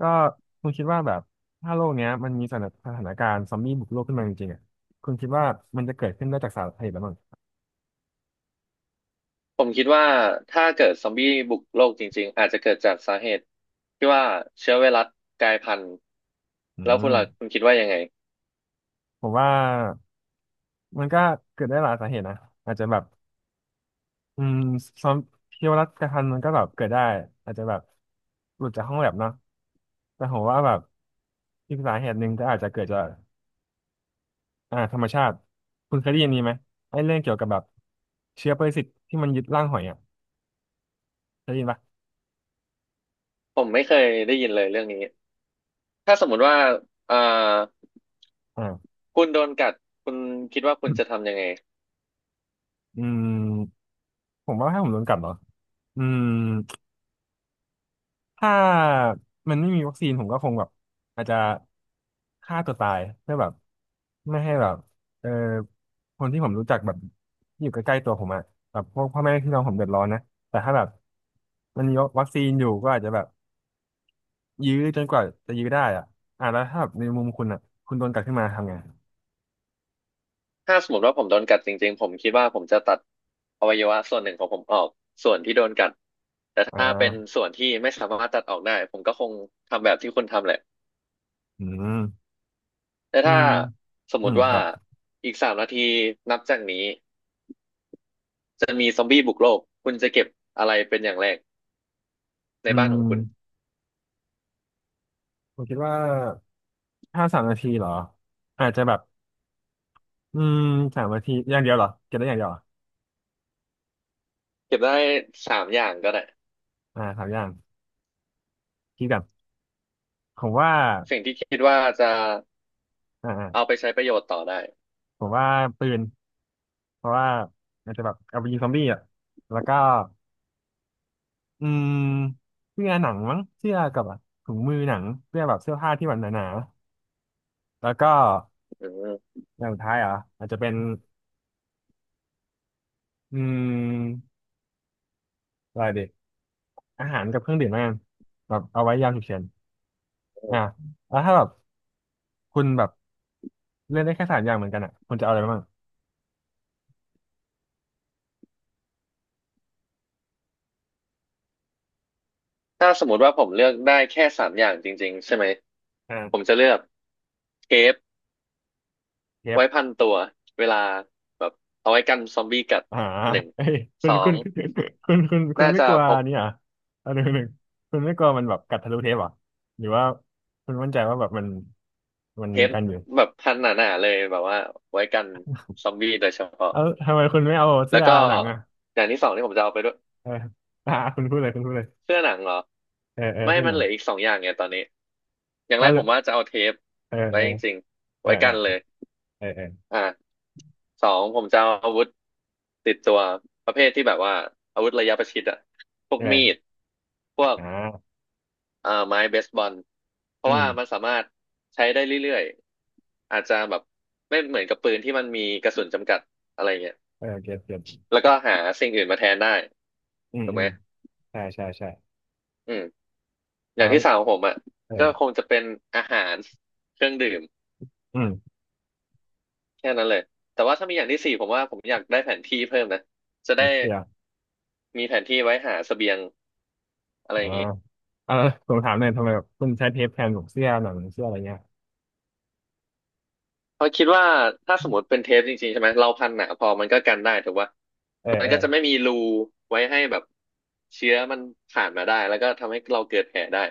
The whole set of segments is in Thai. ก็คุณคิดว่าแบบถ้าโลกเนี้ยมันมีสถานการณ์ซอมบี้บุกโลกขึ้นมาจริงๆอ่ะคุณคิดว่ามันจะเกิดขึ้นได้จากสาเหตุอะไรบ้างผมคิดว่าถ้าเกิดซอมบี้บุกโลกจริงๆอาจจะเกิดจากสาเหตุที่ว่าเชื้อไวรัสกลายพันธุ์อืแล้วคุมณล่ะคุณคิดว่ายังไงผมว่ามันก็เกิดได้หลายสาเหตุนะอาจจะแบบอืมซอมพิวรัตกระทันมันก็แบบเกิดได้อาจจะแบบหลุดจากห้องแลบเนาะแต่ผมว่าแบบอีกสาเหตุหนึ่งก็อาจจะเกิดจากธรรมชาติคุณเคยได้ยินนี้ไหมไอ้เรื่องเกี่ยวกับแบบเชื้อปรสิตที่มันยึดร่างหอยอ่ะเคยได้ยินปะผมไม่เคยได้ยินเลยเรื่องนี้ถ้าสมมุติว่าอ่าอ่าคุณโดนกัดคุณคิดว่าคุณจะทำยังไงอืมผมว่าให้ผมโดนกัดเหรอ อืมถ้ามันไม่มีวัคซีนผมก็คงแบบอาจจะฆ่าตัวตายเพื่อแบบไม่ให้แบบเออคนที่ผมรู้จักแบบที่อยู่ใกล้ๆตัวผมอะแบบพวกพ่อแม่พี่น้องผมเดือดร้อนนะแต่ถ้าแบบมันมีวัคซีนอยู่ก็อาจจะแบบยื้อจนกว่าจะยื้อได้อะอ่ะแล้วถ้าแบบในมุมคุณอะคุณโดนกัดขึ้นมาทำไงถ้าสมมติว่าผมโดนกัดจริงๆผมคิดว่าผมจะตัดอวัยวะส่วนหนึ่งของผมออกส่วนที่โดนกัดแต่อ่ถ้าเป็นาส่วนที่ไม่สามารถตัดออกได้ผมก็คงทำแบบที่คุณทำแหละอืมแต่อืถ้ามสมมอืมติคว่ารับอีกสามนาทีนับจากนี้ จะมีซอมบี้บุกโลกคุณจะเก็บอะไรเป็นอย่างแรกในอืบ้านมของคุณผมคิดว่าถ้าสามนาทีเหรออาจจะแบบ อืมสามนาทีอย่างเดียวเหรอเก็บได้อย่างเดียวเหรอเก็บได้สามอย่างก็ได้อ่าสามอย่างคิดกันผมว่าสิ่งที่คิดว่าจะอ่าอ่าเอาไปใช้ประโยชน์ต่อได้ผมว่าปืนเพราะว่าอาจจะแบบเอาไปยิงซอมบี้อ่ะแล้วก็อืมเสื้อหนังมั้งเสื้อกับอะถุงมือหนังเสื้อแบบเสื้อผ้าที่แบบหนาๆแล้วก็อืมอย่างสุดท้ายเหรออาจจะเป็นอืมอะไรดีอาหารกับเครื่องดื่มแล้วกันแบบเอาไว้ยามฉุกเฉินอ่าแล้วถ้าแบบคุณแบบเล่นได้แค่สามอย่างเหมือนกันอ่ะคุณจะเอาอะไรบ้างถ้าสมมติว่าผมเลือกได้แค่สามอย่างจริงๆใช่ไหมผมจะอ่าเลือกเทปเทป ไว้พันตัวเวลาแบบเอาไว้กันซอมบี้กัดอ่า หนึ่ง เอ้ยคุสณอคุงณคคุณคุณน่าไม่จะกลัวพกนี่เหรอ่ะอันหนึ่งคุณไม่กลัวมันแบบกัดทะลุเทปเหรอ่ะหรือว่าคุณมั่นใจว่าแบบมันเทปกันอยู่แบบพันหนาๆเลยแบบว่าไว้กันซอมบี้โดยเฉพาะเออทำไมคุณไม่เอาแล้เสื้วอก็หนังอ่ะอย่างที่สองที่ผมจะเอาไปด้วย เออ อ่าคุณพูดเลยคุณพูดเลยเสื้อหนังเหรอเออเออไม่เสื้อหมันนังเหลืออีกสองอย่างไงตอนนี้อย่างกัแรนกเลผยมว่าจะเอาเทปเออไว้เออจริงๆเออไว้เอกันเลอยเออเอออ่าสองผมจะเอาอาวุธติดตัวประเภทที่แบบว่าอาวุธระยะประชิดอะพวกมีเออดพวกอ่าไม้เบสบอลเพอืราะมว่ามันสามารถใช้ได้เรื่อยๆอาจจะแบบไม่เหมือนกับปืนที่มันมีกระสุนจำกัดอะไรเงี้ยเออเก็ตเก็ตแล้วก็หาสิ่งอื่นมาแทนได้อืมถูกอืไหมมใช่ใช่ใช่อืมออะย่างไรที่สามของผมอ่ะเออก็คงจะเป็นอาหารเครื่องดื่ม อืมแค่นั้นเลยแต่ว่าถ้ามีอย่างที่สี่ผมว่าผมอยากได้แผนที่เพิ่มนะจะเป็นได้เสื้อมีแผนที่ไว้หาเสบียงอะไรอ่าอย่างนี้เออผมถามหน่อยทำไมแบบคุณใช้เทปแทนของเสื้อหนังเสื้ออะไรเงี้ยเพราะคิดว่าถ้าสมมติเป็นเทปจริงๆใช่ไหมเราพันหนาพอมันก็กันได้ถูกป่ะเออมันเอก็อ จะไม่มีรูไว้ให้แบบเชื้อมันผ่านมาได้แล้วก็ทำให้เราเกิดแผลได้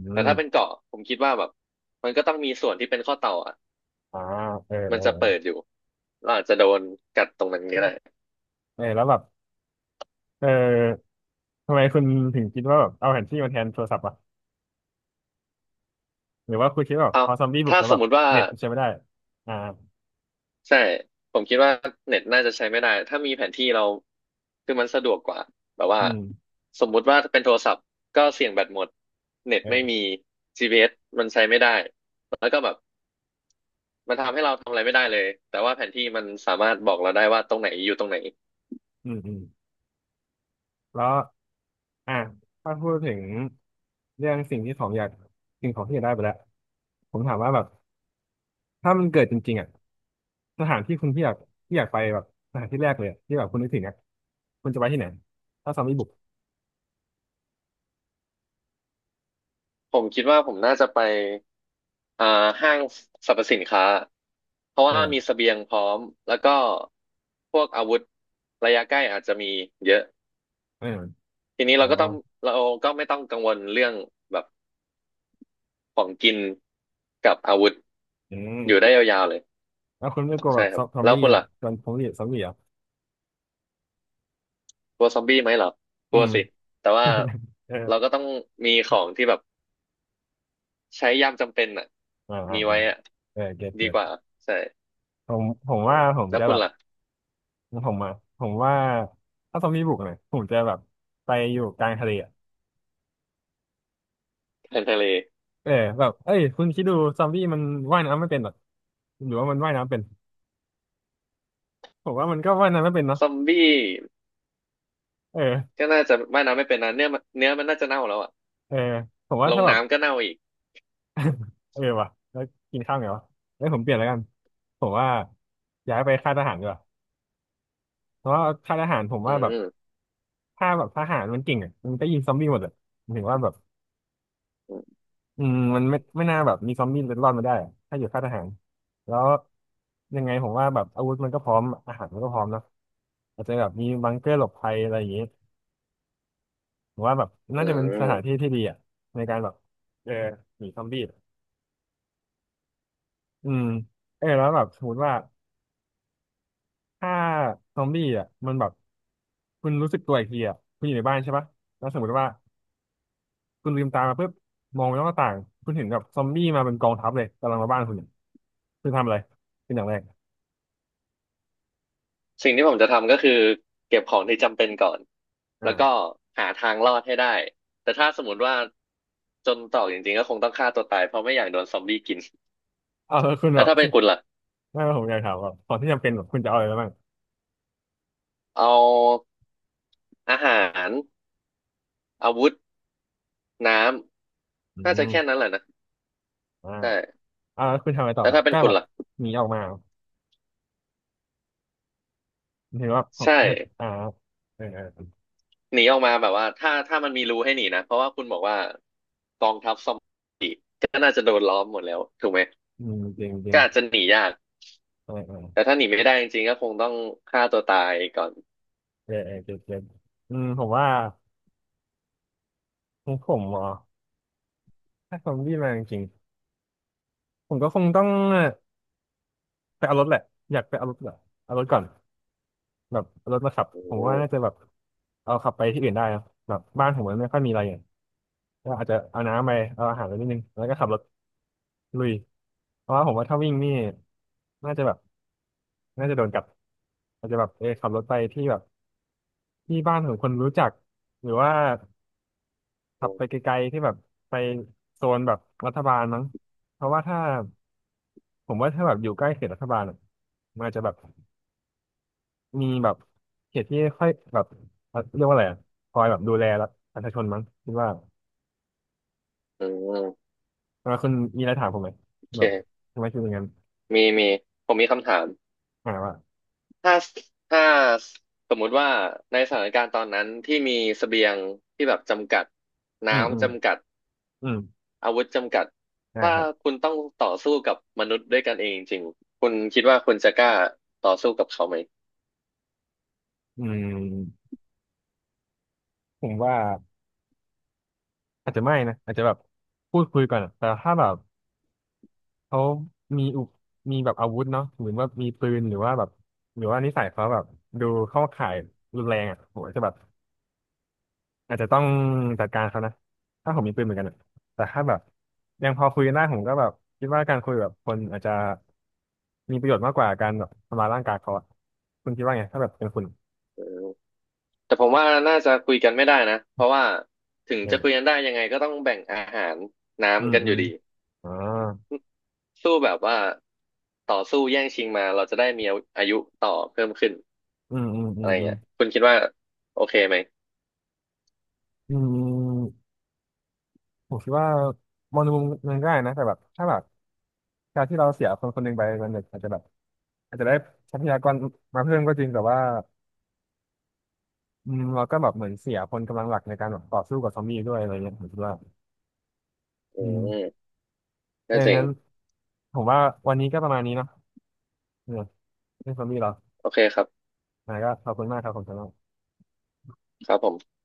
อืแต่ถ้าเป็นมเกาะผมคิดว่าแบบมันก็ต้องมีส่วนที่เป็นข้อต่ออ่ะอ่าเออเอมัอนจะเอเปิดออยู่เราอาจจะโดนกัดตรงนั้นก็ได้เออแล้วแบบเออทำไมคุณถึงคิดว่าแบบเอาแผนที่มาแทนโทรศัพท์อ่ะหรือว่าคุณคิดว่าแบบเอาพอซอมบี้บุกถ้าแล้วสแบมบมติว่า เน็ตใช้ไม่ได้อ่าใช่ผมคิดว่าเน็ตน่าจะใช้ไม่ได้ถ้ามีแผนที่เราคือมันสะดวกกว่าแบบว่าอืมสมมุติว่าเป็นโทรศัพท์ก็เสี่ยงแบตหมดเน็ตไม่มี เออ GPS มันใช้ไม่ได้แล้วก็แบบมันทำให้เราทำอะไรไม่ได้เลยแต่ว่าแผนที่มันสามารถบอกเราได้ว่าตรงไหนอยู่ตรงไหนอืมอืมแล้วอ่าถ้าพูดถึงเรื่องสิ่งที่ของอยากสิ่งของที่อยากได้ไปแล้วผมถามว่าแบบถ้ามันเกิดจริงๆอ่ะสถานที่คุณที่อยากที่อยากไปแบบสถานที่แรกเลยอะที่แบบคุณนึกถึงอ่ะคุณจะไปที่ไหนถ้าซอมบี้บุกผมคิดว่าผมน่าจะไปอ่าห้างสรรพสินค้าเพราะว่ามีเออเสบียงพร้อมแล้วก็พวกอาวุธระยะใกล้อาจจะมีเยอะ เออทีนี้อ๋อเราก็ต้องเราไม่ต้องกังวลเรื่องแบบของกินกับอาวุธอือยู่ม ได้ยาวๆเลยแล้วคุณไม่กลัวแบใช่บคซรับอมแล้วบี้คุณแบบล่ะจนซอมบี้เหรอกลัวซอมบี้ไหมเหรอกอืลัวม สิแต่ว่า เออเราก็ต้องมีของที่แบบใช้ยามจำเป็นอ่ะอ่าอ่ามีอ่าไว้อ่ะเออเก็ตดีเก็ตกว่าใช่ผมอืว่ามผมแล้วจะคุแบณบล่ะผมอ่ะผมว่าถ้าซอมบี้บุกเนี่ยผมจะแบบไปอยู่กลางทะเลอะแทนทะเลเออแบบเอ้ยคุณคิดดูซอมบี้มันว่ายน้ำไม่เป็นหรอหรือว่ามันว่ายน้ำเป็นผมว่ามันก็ว่ายน้ำไม่เป็นเนาะซอมบี้เออก็น่าจะว่ายน้ำไม่เป็นนะเนื้อมันน่าจะเน่าแล้วอ่ะเออผมว่าลงถ้าแบบน้ำก็เน่าอีกเออว่ะแล้วกินข้าวไงวะแล้วผมเปลี่ยนแล้วกันผมว่าย้ายไปค่ายทหารดีกว่าเพราะว่าค่ายทหารผมอืว่าแบบ มถ้าแบบทหารมันเก่งอ่ะมันก็ยิงซอมบี้หมดอ่ะหมายถึงว่าแบบอืมอืมมันไม่น่าแบบมีซอมบี้รอดมาได้อะถ้าอยู่ค่ายทหารแล้วยังไงผมว่าแบบอาวุธมันก็พร้อมอาหารมันก็พร้อมเนอะอาจจะแบบมีบังเกอร์หลบภัยอะไรอย่างงี้ผมว่าแบบอืน่าจะเป็นสถานที่ม ที่ดีอ่ะในการแบบเออหนีซอมบี้อืมเออแล้วแบบสมมติว่าถ้าซอมบี้อ่ะมันแบบคุณรู้สึกตัวอีกทีอ่ะคุณอยู่ในบ้านใช่ปะแล้วสมมติว่า คุณลืมตามาปุ๊บมองไปนอกหน้าต่างคุณเห็นกับซอมบี้มาเป็นกองทัพเลยกำลังมาบ้านคุณเนี่ยคุณทำอะไรเป็นอย่างแรกสิ่งที่ผมจะทำก็คือเก็บของที่จำเป็นก่อนแล้วก็อ่าหาทางรอดให้ได้แต่ถ้าสมมติว่าจนตรอกจริงๆก็คงต้องฆ่าตัวตายเพราะไม่อยากโดนซอมบี้กินเอาแล้วคุณแบแล้วบถ้าเป็สินคุณล่ะไม่ว่าผมอยากถามว่าของที่จำเป็นแบบคุณจะเอาอะไรบ้างเอาอาหารอาวุธน้อืำน่าจะแค่นั้มนแหละนะอ่าใช่อ่าแล้วคุณทำอะไรต่อแล้วครับถ้าเป็นก็คุแบณบล่ะหนีออกมาเห็นว่าของใช่อ่าเออเออหนีออกมาแบบว่าถ้ามันมีรูให้หนีนะเพราะว่าคุณบอกว่าก็น่าจะโดนล้อมหมดแล้วถูกไหมจริงจริก็งอาจจะหนียากเออเออแต่ถ้าหนีไม่ได้จริงๆก็คงต้องฆ่าตัวตายก่อนเออเออเจ็ิอืมผมว่าของผมเหรอถ้าซอมบี้มาจริงๆผมก็คงต้องไปเอารถแหละอยากไปเอารถเหรอเอารถก่อน แบบรถมาขับอืผมว่าม น่าจะแบบเอาขับไปที่อื่นได้นะแบบบ้านผมมันไม่ค่อยมีอะไรอย่างก็อาจจะเอาน้ำไปเอาอาหารไปนิดนึงแล้วก็ขับรถลุยเพราะว่าผมว่าถ้าวิ่งนี่น่าจะแบบน่าจะโดนกัดอาจจะแบบขับรถไปที่แบบที่บ้านของคนรู้จักหรือว่าขับไปไกลๆที่แบบไปโซนแบบรัฐบาลมั้งเพราะว่าถ้าผมว่าถ้าแบบอยู่ใกล้เขตรัฐบาลอะมันอาจจะแบบ มีแบบเขตที่ค่อยแบบเรียกว่าอะไรอะคอยแบบดูแลรัฐประชาชนมั้งคิดว่าอืมเออคุณมีอะไรถามผมไหมโอแบบเคทำไมคุณเป็นอย่างนั้นมีผมมีคำถามอ่าว่าถ้าถ้าสมมุติว่าในสถานการณ์ตอนนั้นที่มีเสบียงที่แบบจำกัดอืมอืน้ำมจำกัดอืมอาวุธจำกัดอ่าถ้าครับคุณต้องต่อสู้กับมนุษย์ด้วยกันเองจริงๆคุณคิดว่าคุณจะกล้าต่อสู้กับเขาไหมอืมผมว่าอาจจะไม่นะอาจจะแบบพูดคุยก่อนอะแต่ถ้าแบบเขามีอุปมีแบบอาวุธเนาะหรือว่ามีปืนหรือว่าแบบหรือว่านิสัยเขาแบบดูเข้าข่ายรุนแรงอ่ะผมอาจจะแบบ อาจจะต้องจัดการเขานะถ้าผมมีปืนเหมือนกันอะแต่ถ้าแบบยังพอคุยกันได้ผมก็แบบคิดว่าการคุยแบบคนอาจจะมีประโยชน์มากกว่าการแบบทำลายร่างกายเขาอะคุณคิดว่าไงถ้าแบบเป็นคุณแต่ผมว่าน่าจะคุยกันไม่ได้นะเพราะว่าถึงเนี่จะยคุยกันได้ยังไงก็ต้องแบ่งอาหารอืมน้ำกันอือมยู่ดีอ่าสู้แบบว่าต่อสู้แย่งชิงมาเราจะได้มีอายุต่อเพิ่มขึ้น อืมอืมอือะมไรอืมเงี้ยคุณคิดว่าโอเคไหมอืมผมคิดว่ามองในมุมหนึงก็ได้นะแต่แบบถ้าแบบการที่เราเสียคนคนหนึ่งไปมันอาจจะแบบอาจจะได้ทรัพยากรมาเพิ่มก็จริงแต่ว่าเราก็แบบเหมือนเสียคนกำลังหลักในการแบบต่อสู้กับซอมบี้ด้วยอะไรเงี้ยผมคิดว่า อือืมมเอก็อจริงงั้นผมว่าวันนี้ก็ประมาณนี้เนาะเออเรื่องซอมบี้เหรอโอเคครับอ่าก็ขอบคุณมากครับผมสำหรับครับผม